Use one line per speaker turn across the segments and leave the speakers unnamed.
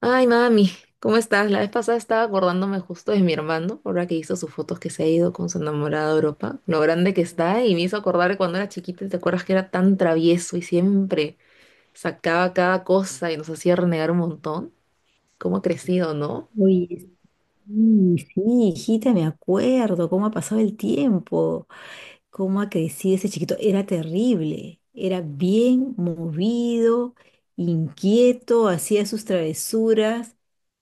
Ay, mami, ¿cómo estás? La vez pasada estaba acordándome justo de mi hermano, ahora que hizo sus fotos que se ha ido con su enamorada a Europa, lo grande que está, y me hizo acordar de cuando era chiquita, y ¿te acuerdas que era tan travieso y siempre sacaba cada cosa y nos hacía renegar un montón? ¿Cómo ha crecido, no?
Oye, sí, sí, hijita, me acuerdo cómo ha pasado el tiempo, cómo ha crecido ese chiquito. Era terrible, era bien movido, inquieto, hacía sus travesuras,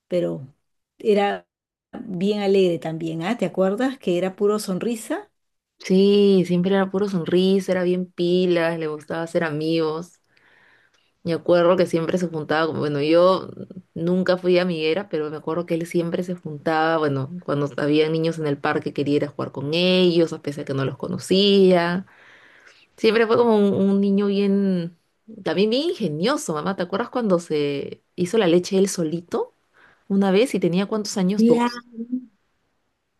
pero era bien alegre también, ¿ah? ¿Te acuerdas que era puro sonrisa?
Sí, siempre era puro sonrisa, era bien pilas, le gustaba hacer amigos. Me acuerdo que siempre se juntaba, bueno, yo nunca fui amiguera, pero me acuerdo que él siempre se juntaba, bueno, cuando había niños en el parque quería ir a jugar con ellos, a pesar que no los conocía. Siempre fue como un niño bien, también bien ingenioso, mamá. ¿Te acuerdas cuando se hizo la leche él solito una vez y tenía cuántos años? Dos.
Claro,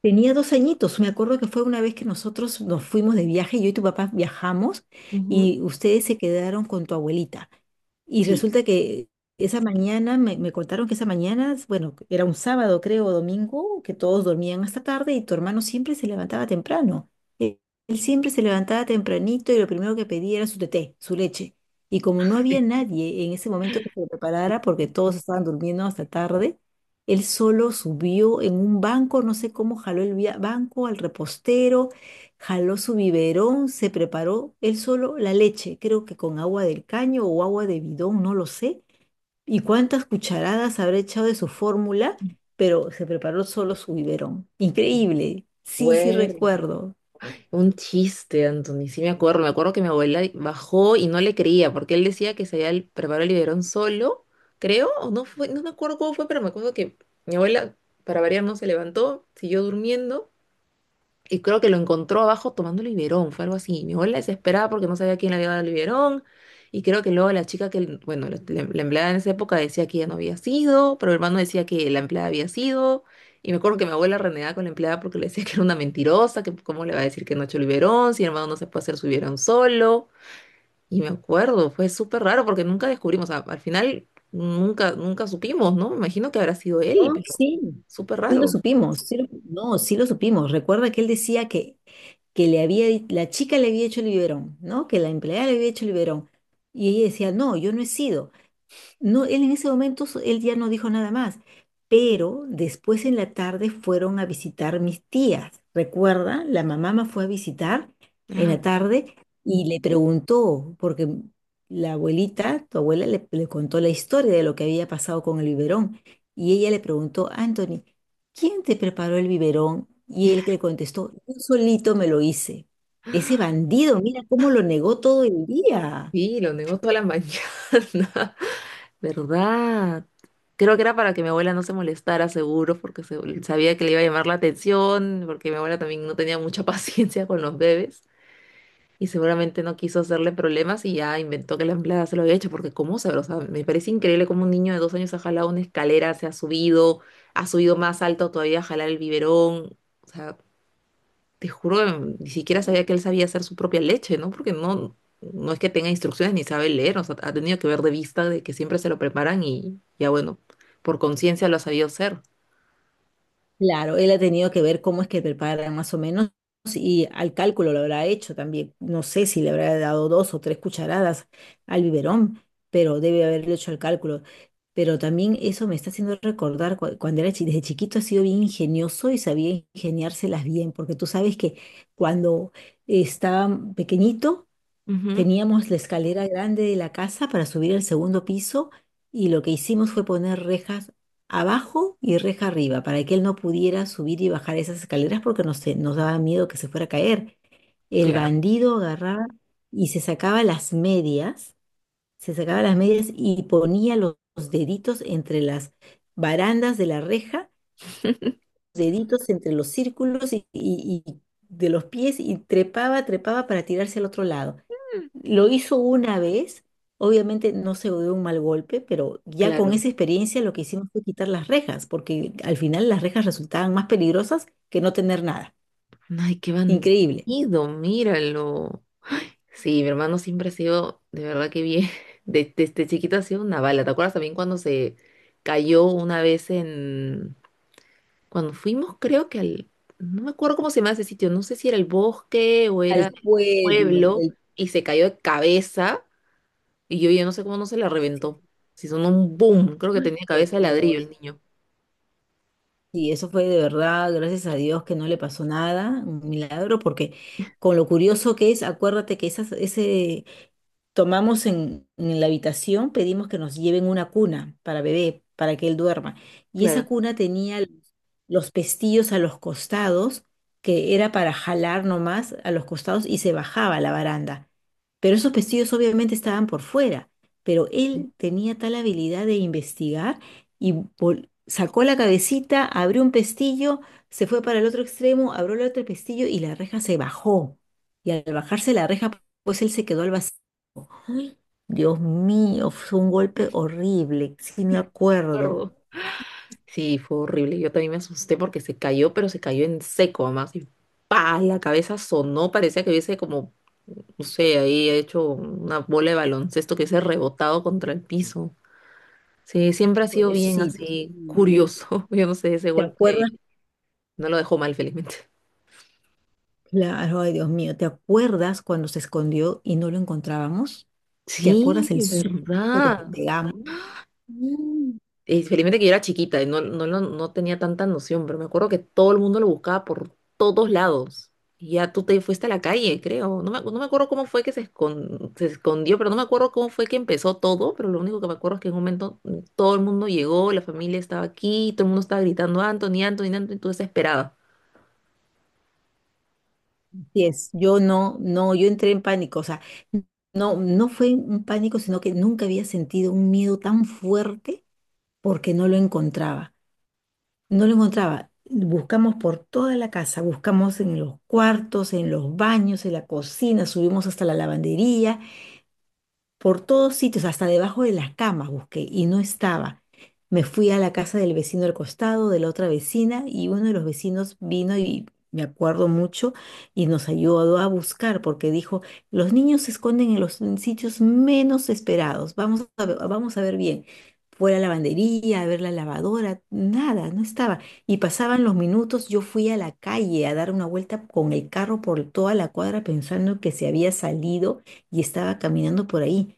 tenía 2 añitos. Me acuerdo que fue una vez que nosotros nos fuimos de viaje, yo y tu papá viajamos
Ujú.
y ustedes se quedaron con tu abuelita. Y
Sí.
resulta que esa mañana, me contaron que esa mañana, bueno, era un sábado creo, o domingo, que todos dormían hasta tarde y tu hermano siempre se levantaba temprano. Él siempre se levantaba tempranito y lo primero que pedía era su teté, su leche. Y como no había nadie en ese momento que se lo preparara, porque todos estaban durmiendo hasta tarde, él solo subió en un banco, no sé cómo jaló el banco al repostero, jaló su biberón, se preparó él solo la leche, creo que con agua del caño o agua de bidón, no lo sé. Y cuántas cucharadas habrá echado de su fórmula, pero se preparó solo su biberón. Increíble. Sí, sí
Bueno.
recuerdo.
Un chiste, Anthony. Sí me acuerdo que mi abuela bajó y no le creía, porque él decía que preparado el biberón solo, creo, o no fue, no me acuerdo cómo fue, pero me acuerdo que mi abuela, para variar, no se levantó, siguió durmiendo y creo que lo encontró abajo tomando Liberón, fue algo así. Mi abuela desesperada porque no sabía quién le había dado Liberón, y creo que luego la chica que, bueno, la empleada en esa época decía que ella no había sido, pero el hermano decía que la empleada había sido, y me acuerdo que mi abuela renegaba con la empleada porque le decía que era una mentirosa, que cómo le va a decir que no ha hecho Liberón, si el hermano no se puede hacer su Liberón solo, y me acuerdo, fue súper raro porque nunca descubrimos, o sea, al final nunca supimos, ¿no? Me imagino que habrá sido él,
No,
pero
sí,
súper
sí lo
raro.
supimos, no, sí lo supimos. Recuerda que él decía que le había, la chica le había hecho el biberón, ¿no? Que la empleada le había hecho el biberón. Y ella decía, no, yo no he sido. No, él en ese momento, él ya no dijo nada más, pero después en la tarde fueron a visitar mis tías. Recuerda, la mamá me fue a visitar en
Ah,
la tarde y le preguntó, porque la abuelita, tu abuela, le contó la historia de lo que había pasado con el biberón. Y ella le preguntó, Anthony, ¿quién te preparó el biberón? Y él que le contestó, yo solito me lo hice. Ese bandido, mira cómo lo negó todo el día.
sí, lo negó toda la mañana, ¿verdad? Creo que era para que mi abuela no se molestara, seguro, porque sabía que le iba a llamar la atención, porque mi abuela también no tenía mucha paciencia con los bebés y seguramente no quiso hacerle problemas y ya inventó que la empleada se lo había hecho, porque cómo sabe, o sea, me parece increíble cómo un niño de 2 años ha jalado una escalera, se ha subido más alto todavía a jalar el biberón, o sea, te juro, ni siquiera sabía que él sabía hacer su propia leche, ¿no? Porque no es que tenga instrucciones ni sabe leer, o sea, ha tenido que ver de vista de que siempre se lo preparan y ya bueno, por conciencia lo ha sabido hacer.
Claro, él ha tenido que ver cómo es que preparan más o menos y al cálculo lo habrá hecho también. No sé si le habrá dado 2 o 3 cucharadas al biberón, pero debe haberlo hecho al cálculo. Pero también eso me está haciendo recordar desde chiquito ha sido bien ingenioso y sabía ingeniárselas bien, porque tú sabes que cuando estaba pequeñito
Ujú,
teníamos la escalera grande de la casa para subir al segundo piso y lo que hicimos fue poner rejas abajo y reja arriba para que él no pudiera subir y bajar esas escaleras porque nos daba miedo que se fuera a caer. El
claro,
bandido agarraba y se sacaba las medias, se sacaba las medias y ponía los deditos entre las barandas de la reja deditos entre los círculos y de los pies y trepaba, trepaba para tirarse al otro lado. Lo hizo una vez, obviamente no se dio un mal golpe, pero ya con
claro.
esa experiencia lo que hicimos fue quitar las rejas, porque al final las rejas resultaban más peligrosas que no tener nada.
Ay, qué
Increíble.
bandido, míralo. Sí, mi hermano siempre ha sido, de verdad que bien, desde chiquito ha sido una bala. ¿Te acuerdas también cuando se cayó una vez en, cuando fuimos, creo que al, no me acuerdo cómo se llama ese sitio, no sé si era el bosque o era
Al
el
pueblo,
pueblo,
el...
y se cayó de cabeza, y yo ya no sé cómo no se la
sí,
reventó. Si sonó un boom, creo que tenía
por
cabeza de ladrillo
Dios.
el niño.
Sí, eso fue de verdad, gracias a Dios que no le pasó nada, un milagro, porque con lo curioso que es, acuérdate que tomamos en la habitación, pedimos que nos lleven una cuna para bebé, para que él duerma. Y esa
Claro.
cuna tenía los pestillos a los costados, que era para jalar nomás a los costados y se bajaba a la baranda. Pero esos pestillos obviamente estaban por fuera, pero él tenía tal habilidad de investigar y sacó la cabecita, abrió un pestillo, se fue para el otro extremo, abrió el otro pestillo y la reja se bajó. Y al bajarse la reja, pues él se quedó al vacío. Ay, Dios mío, fue un golpe horrible, sí me
Me
acuerdo.
acuerdo. Sí, fue horrible. Yo también me asusté porque se cayó, pero se cayó en seco, además. Y pa, la cabeza sonó, parecía que hubiese como, no sé, ahí hecho una bola de baloncesto que hubiese rebotado contra el piso. Sí, siempre ha sido bien
Pobrecito,
así
sí.
curioso. Yo no sé, ese
¿Te
golpe
acuerdas?
no lo dejó mal, felizmente.
Claro, ay, Dios mío, ¿te acuerdas cuando se escondió y no lo encontrábamos? ¿Te acuerdas
Sí,
el susto que nos
verdad.
pegamos? Mm.
Felizmente que yo era chiquita y no tenía tanta noción, pero me acuerdo que todo el mundo lo buscaba por todos lados. Y ya tú te fuiste a la calle, creo. No me acuerdo cómo fue que se escondió, pero no me acuerdo cómo fue que empezó todo, pero lo único que me acuerdo es que en un momento todo el mundo llegó, la familia estaba aquí, todo el mundo estaba gritando, Anthony, Anthony, Anthony, tú desesperada.
Así es, yo no, no, yo entré en pánico, o sea, no, no fue un pánico, sino que nunca había sentido un miedo tan fuerte porque no lo encontraba. No lo encontraba. Buscamos por toda la casa, buscamos en los cuartos, en los baños, en la cocina, subimos hasta la lavandería por todos sitios, hasta debajo de las camas busqué y no estaba. Me fui a la casa del vecino al costado, de la otra vecina, y uno de los vecinos vino y me acuerdo mucho y nos ayudó a buscar porque dijo, los niños se esconden en los en sitios menos esperados, vamos a ver bien. Fue a la lavandería, a ver la lavadora, nada, no estaba. Y pasaban los minutos, yo fui a la calle a dar una vuelta con el carro por toda la cuadra pensando que se había salido y estaba caminando por ahí.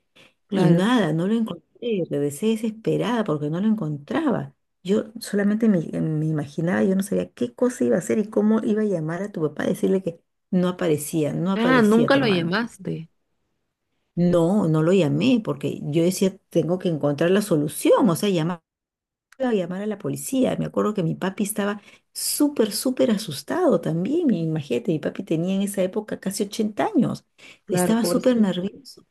Y
Claro.
nada, no lo encontré, regresé desesperada porque no lo encontraba. Yo solamente me imaginaba, yo no sabía qué cosa iba a hacer y cómo iba a llamar a tu papá, a decirle que no aparecía, no
Ah,
aparecía
nunca
tu
lo
hermano.
llamaste.
No, no lo llamé porque yo decía, tengo que encontrar la solución, o sea, llamar, llamar a la policía. Me acuerdo que mi papi estaba súper, súper asustado también. Imagínate, mi papi tenía en esa época casi 80 años,
Claro,
estaba súper
pobrecito.
nervioso.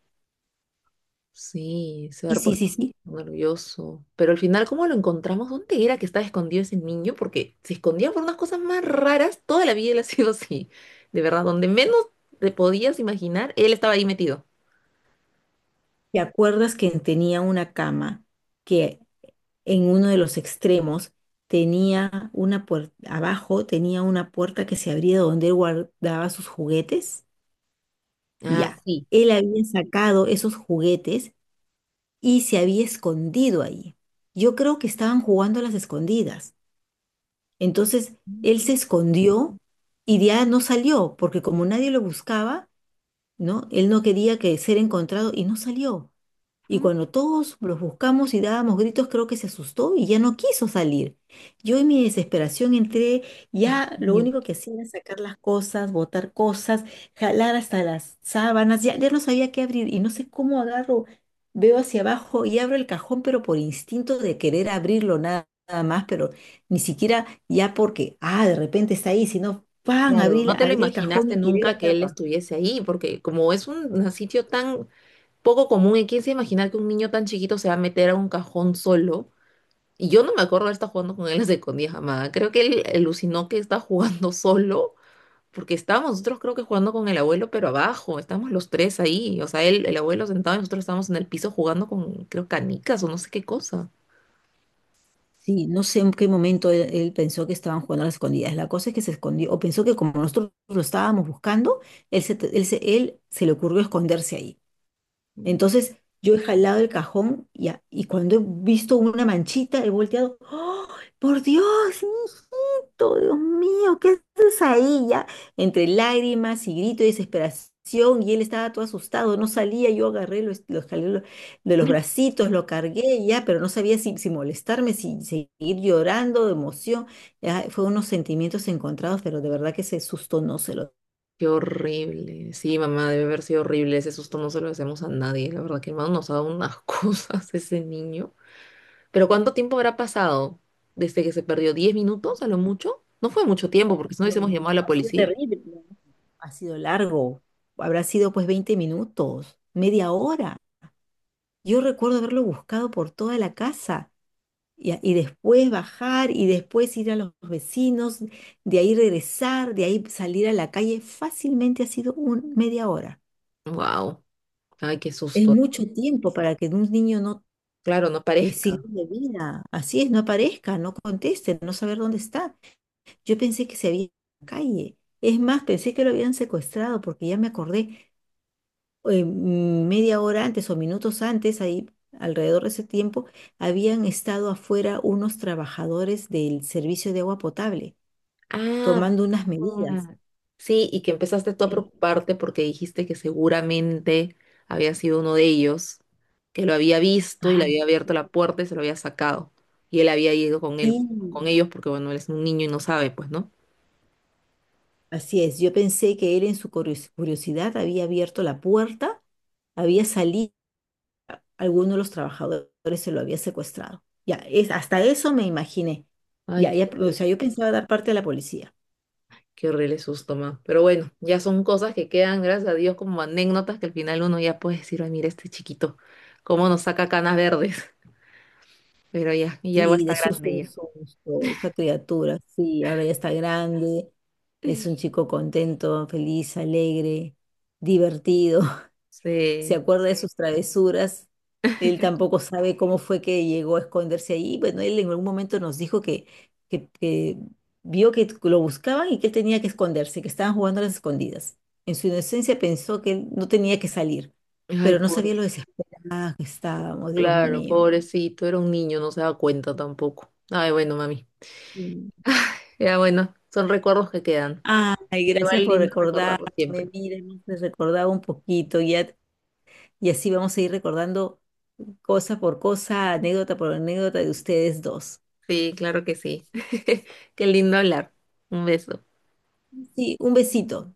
Sí, se
Y
ha
sí, sí,
puesto
sí.
nervioso. Pero al final, ¿cómo lo encontramos? ¿Dónde era que estaba escondido ese niño? Porque se escondía por unas cosas más raras. Toda la vida él ha sido así. De verdad, donde menos te podías imaginar, él estaba ahí metido.
¿Te acuerdas que tenía una cama que en uno de los extremos tenía una puerta, abajo tenía una puerta que se abría donde él guardaba sus juguetes?
Ah,
Ya,
sí.
él había sacado esos juguetes y se había escondido ahí. Yo creo que estaban jugando a las escondidas. Entonces, él
Ujú.
se escondió y ya no salió, porque como nadie lo buscaba, ¿no? Él no quería que ser encontrado y no salió. Y cuando todos los buscamos y dábamos gritos, creo que se asustó y ya no quiso salir. Yo en mi desesperación entré,
Ay,
ya
Dios
lo
mío.
único que hacía era sacar las cosas, botar cosas, jalar hasta las sábanas, ya, ya no sabía qué abrir y no sé cómo agarro, veo hacia abajo y abro el cajón, pero por instinto de querer abrirlo nada, nada más, pero ni siquiera ya porque, ah, de repente está ahí, sino, ¡pam!
Claro,
Abrí,
no te lo
abrí el cajón
imaginaste
y tiré
nunca
la
que él
tapa.
estuviese ahí, porque como es un sitio tan poco común, ¿y quién se imagina que un niño tan chiquito se va a meter a un cajón solo? Y yo no me acuerdo de estar jugando con él a escondidas jamás. Creo que él alucinó que está jugando solo, porque estábamos nosotros creo que jugando con el abuelo, pero abajo, estábamos los tres ahí. O sea, él, el abuelo sentado y nosotros estábamos en el piso jugando con, creo, canicas o no sé qué cosa.
Sí, no sé en qué momento él, él pensó que estaban jugando a las escondidas. La cosa es que se escondió, o pensó que como nosotros lo estábamos buscando, él se le ocurrió esconderse ahí.
Mm.
Entonces yo he jalado el cajón y cuando he visto una manchita, he volteado, ¡Oh, por Dios, hijito! Dios mío, ¿qué haces ahí ya? Entre lágrimas y grito de desesperación y él estaba todo asustado, no salía, yo agarré, lo jalé de los bracitos, lo cargué ya, pero no sabía si, si molestarme, si seguir llorando de emoción. Ya, fue unos sentimientos encontrados, pero de verdad que ese susto no se lo.
Qué horrible. Sí, mamá, debe haber sido horrible. Ese susto no se lo hacemos a nadie. La verdad que hermano nos ha dado unas cosas ese niño. Pero ¿cuánto tiempo habrá pasado desde que se perdió? ¿10 minutos a lo mucho? No fue mucho tiempo porque si no
No, no,
hubiésemos
no,
llamado a la
ha sido
policía.
terrible, ¿no? Ha sido largo. Habrá sido pues 20 minutos, media hora. Yo recuerdo haberlo buscado por toda la casa y después bajar y después ir a los vecinos, de ahí regresar, de ahí salir a la calle. Fácilmente ha sido un, media hora.
Wow. Ay, qué
Es
susto.
mucho tiempo para que un niño no...
Claro, no parezca.
signo de vida, así es, no aparezca, no conteste, no saber dónde está. Yo pensé que se había ido a la calle. Es más, pensé que lo habían secuestrado porque ya me acordé, media hora antes o minutos antes, ahí alrededor de ese tiempo, habían estado afuera unos trabajadores del servicio de agua potable
Ah,
tomando unas medidas.
verdad. Sí, y que empezaste tú a
En-
preocuparte porque dijiste que seguramente había sido uno de ellos, que lo había visto y le
Ay,
había abierto la puerta y se lo había sacado. Y él había ido con él,
sí,
con ellos, porque bueno, él es un niño y no sabe, pues, ¿no?
así es. Yo pensé que él en su curiosidad había abierto la puerta, había salido, alguno de los trabajadores se lo había secuestrado. Ya, es, hasta eso me imaginé.
Ay,
Ya, ya, o sea, yo pensaba dar parte a la policía.
qué horrible susto, ma. Pero bueno, ya son cosas que quedan, gracias a Dios, como anécdotas que al final uno ya puede decir, ay, mira este chiquito, cómo nos saca canas verdes. Pero ya, y ya va a
Sí,
estar
de susto
grande
en
ya.
susto, esta criatura, sí, ahora ya está grande, es un chico contento, feliz, alegre, divertido, se
Sí.
acuerda de sus travesuras, él tampoco sabe cómo fue que llegó a esconderse ahí, bueno, él en algún momento nos dijo que vio que lo buscaban y que él tenía que esconderse, que estaban jugando a las escondidas. En su inocencia pensó que él no tenía que salir,
Ay,
pero no sabía
pobre.
lo desesperado que estábamos, Dios
Claro,
mío.
pobrecito, era un niño, no se da cuenta tampoco. Ay, bueno, mami. Ya bueno, son recuerdos que quedan.
Ay, gracias
Igual
por
lindo
recordarme.
recordarlo siempre.
Mira, hemos recordado un poquito y así vamos a ir recordando cosa por cosa, anécdota por anécdota de ustedes dos.
Sí, claro que sí. Qué lindo hablar. Un beso.
Sí, un besito.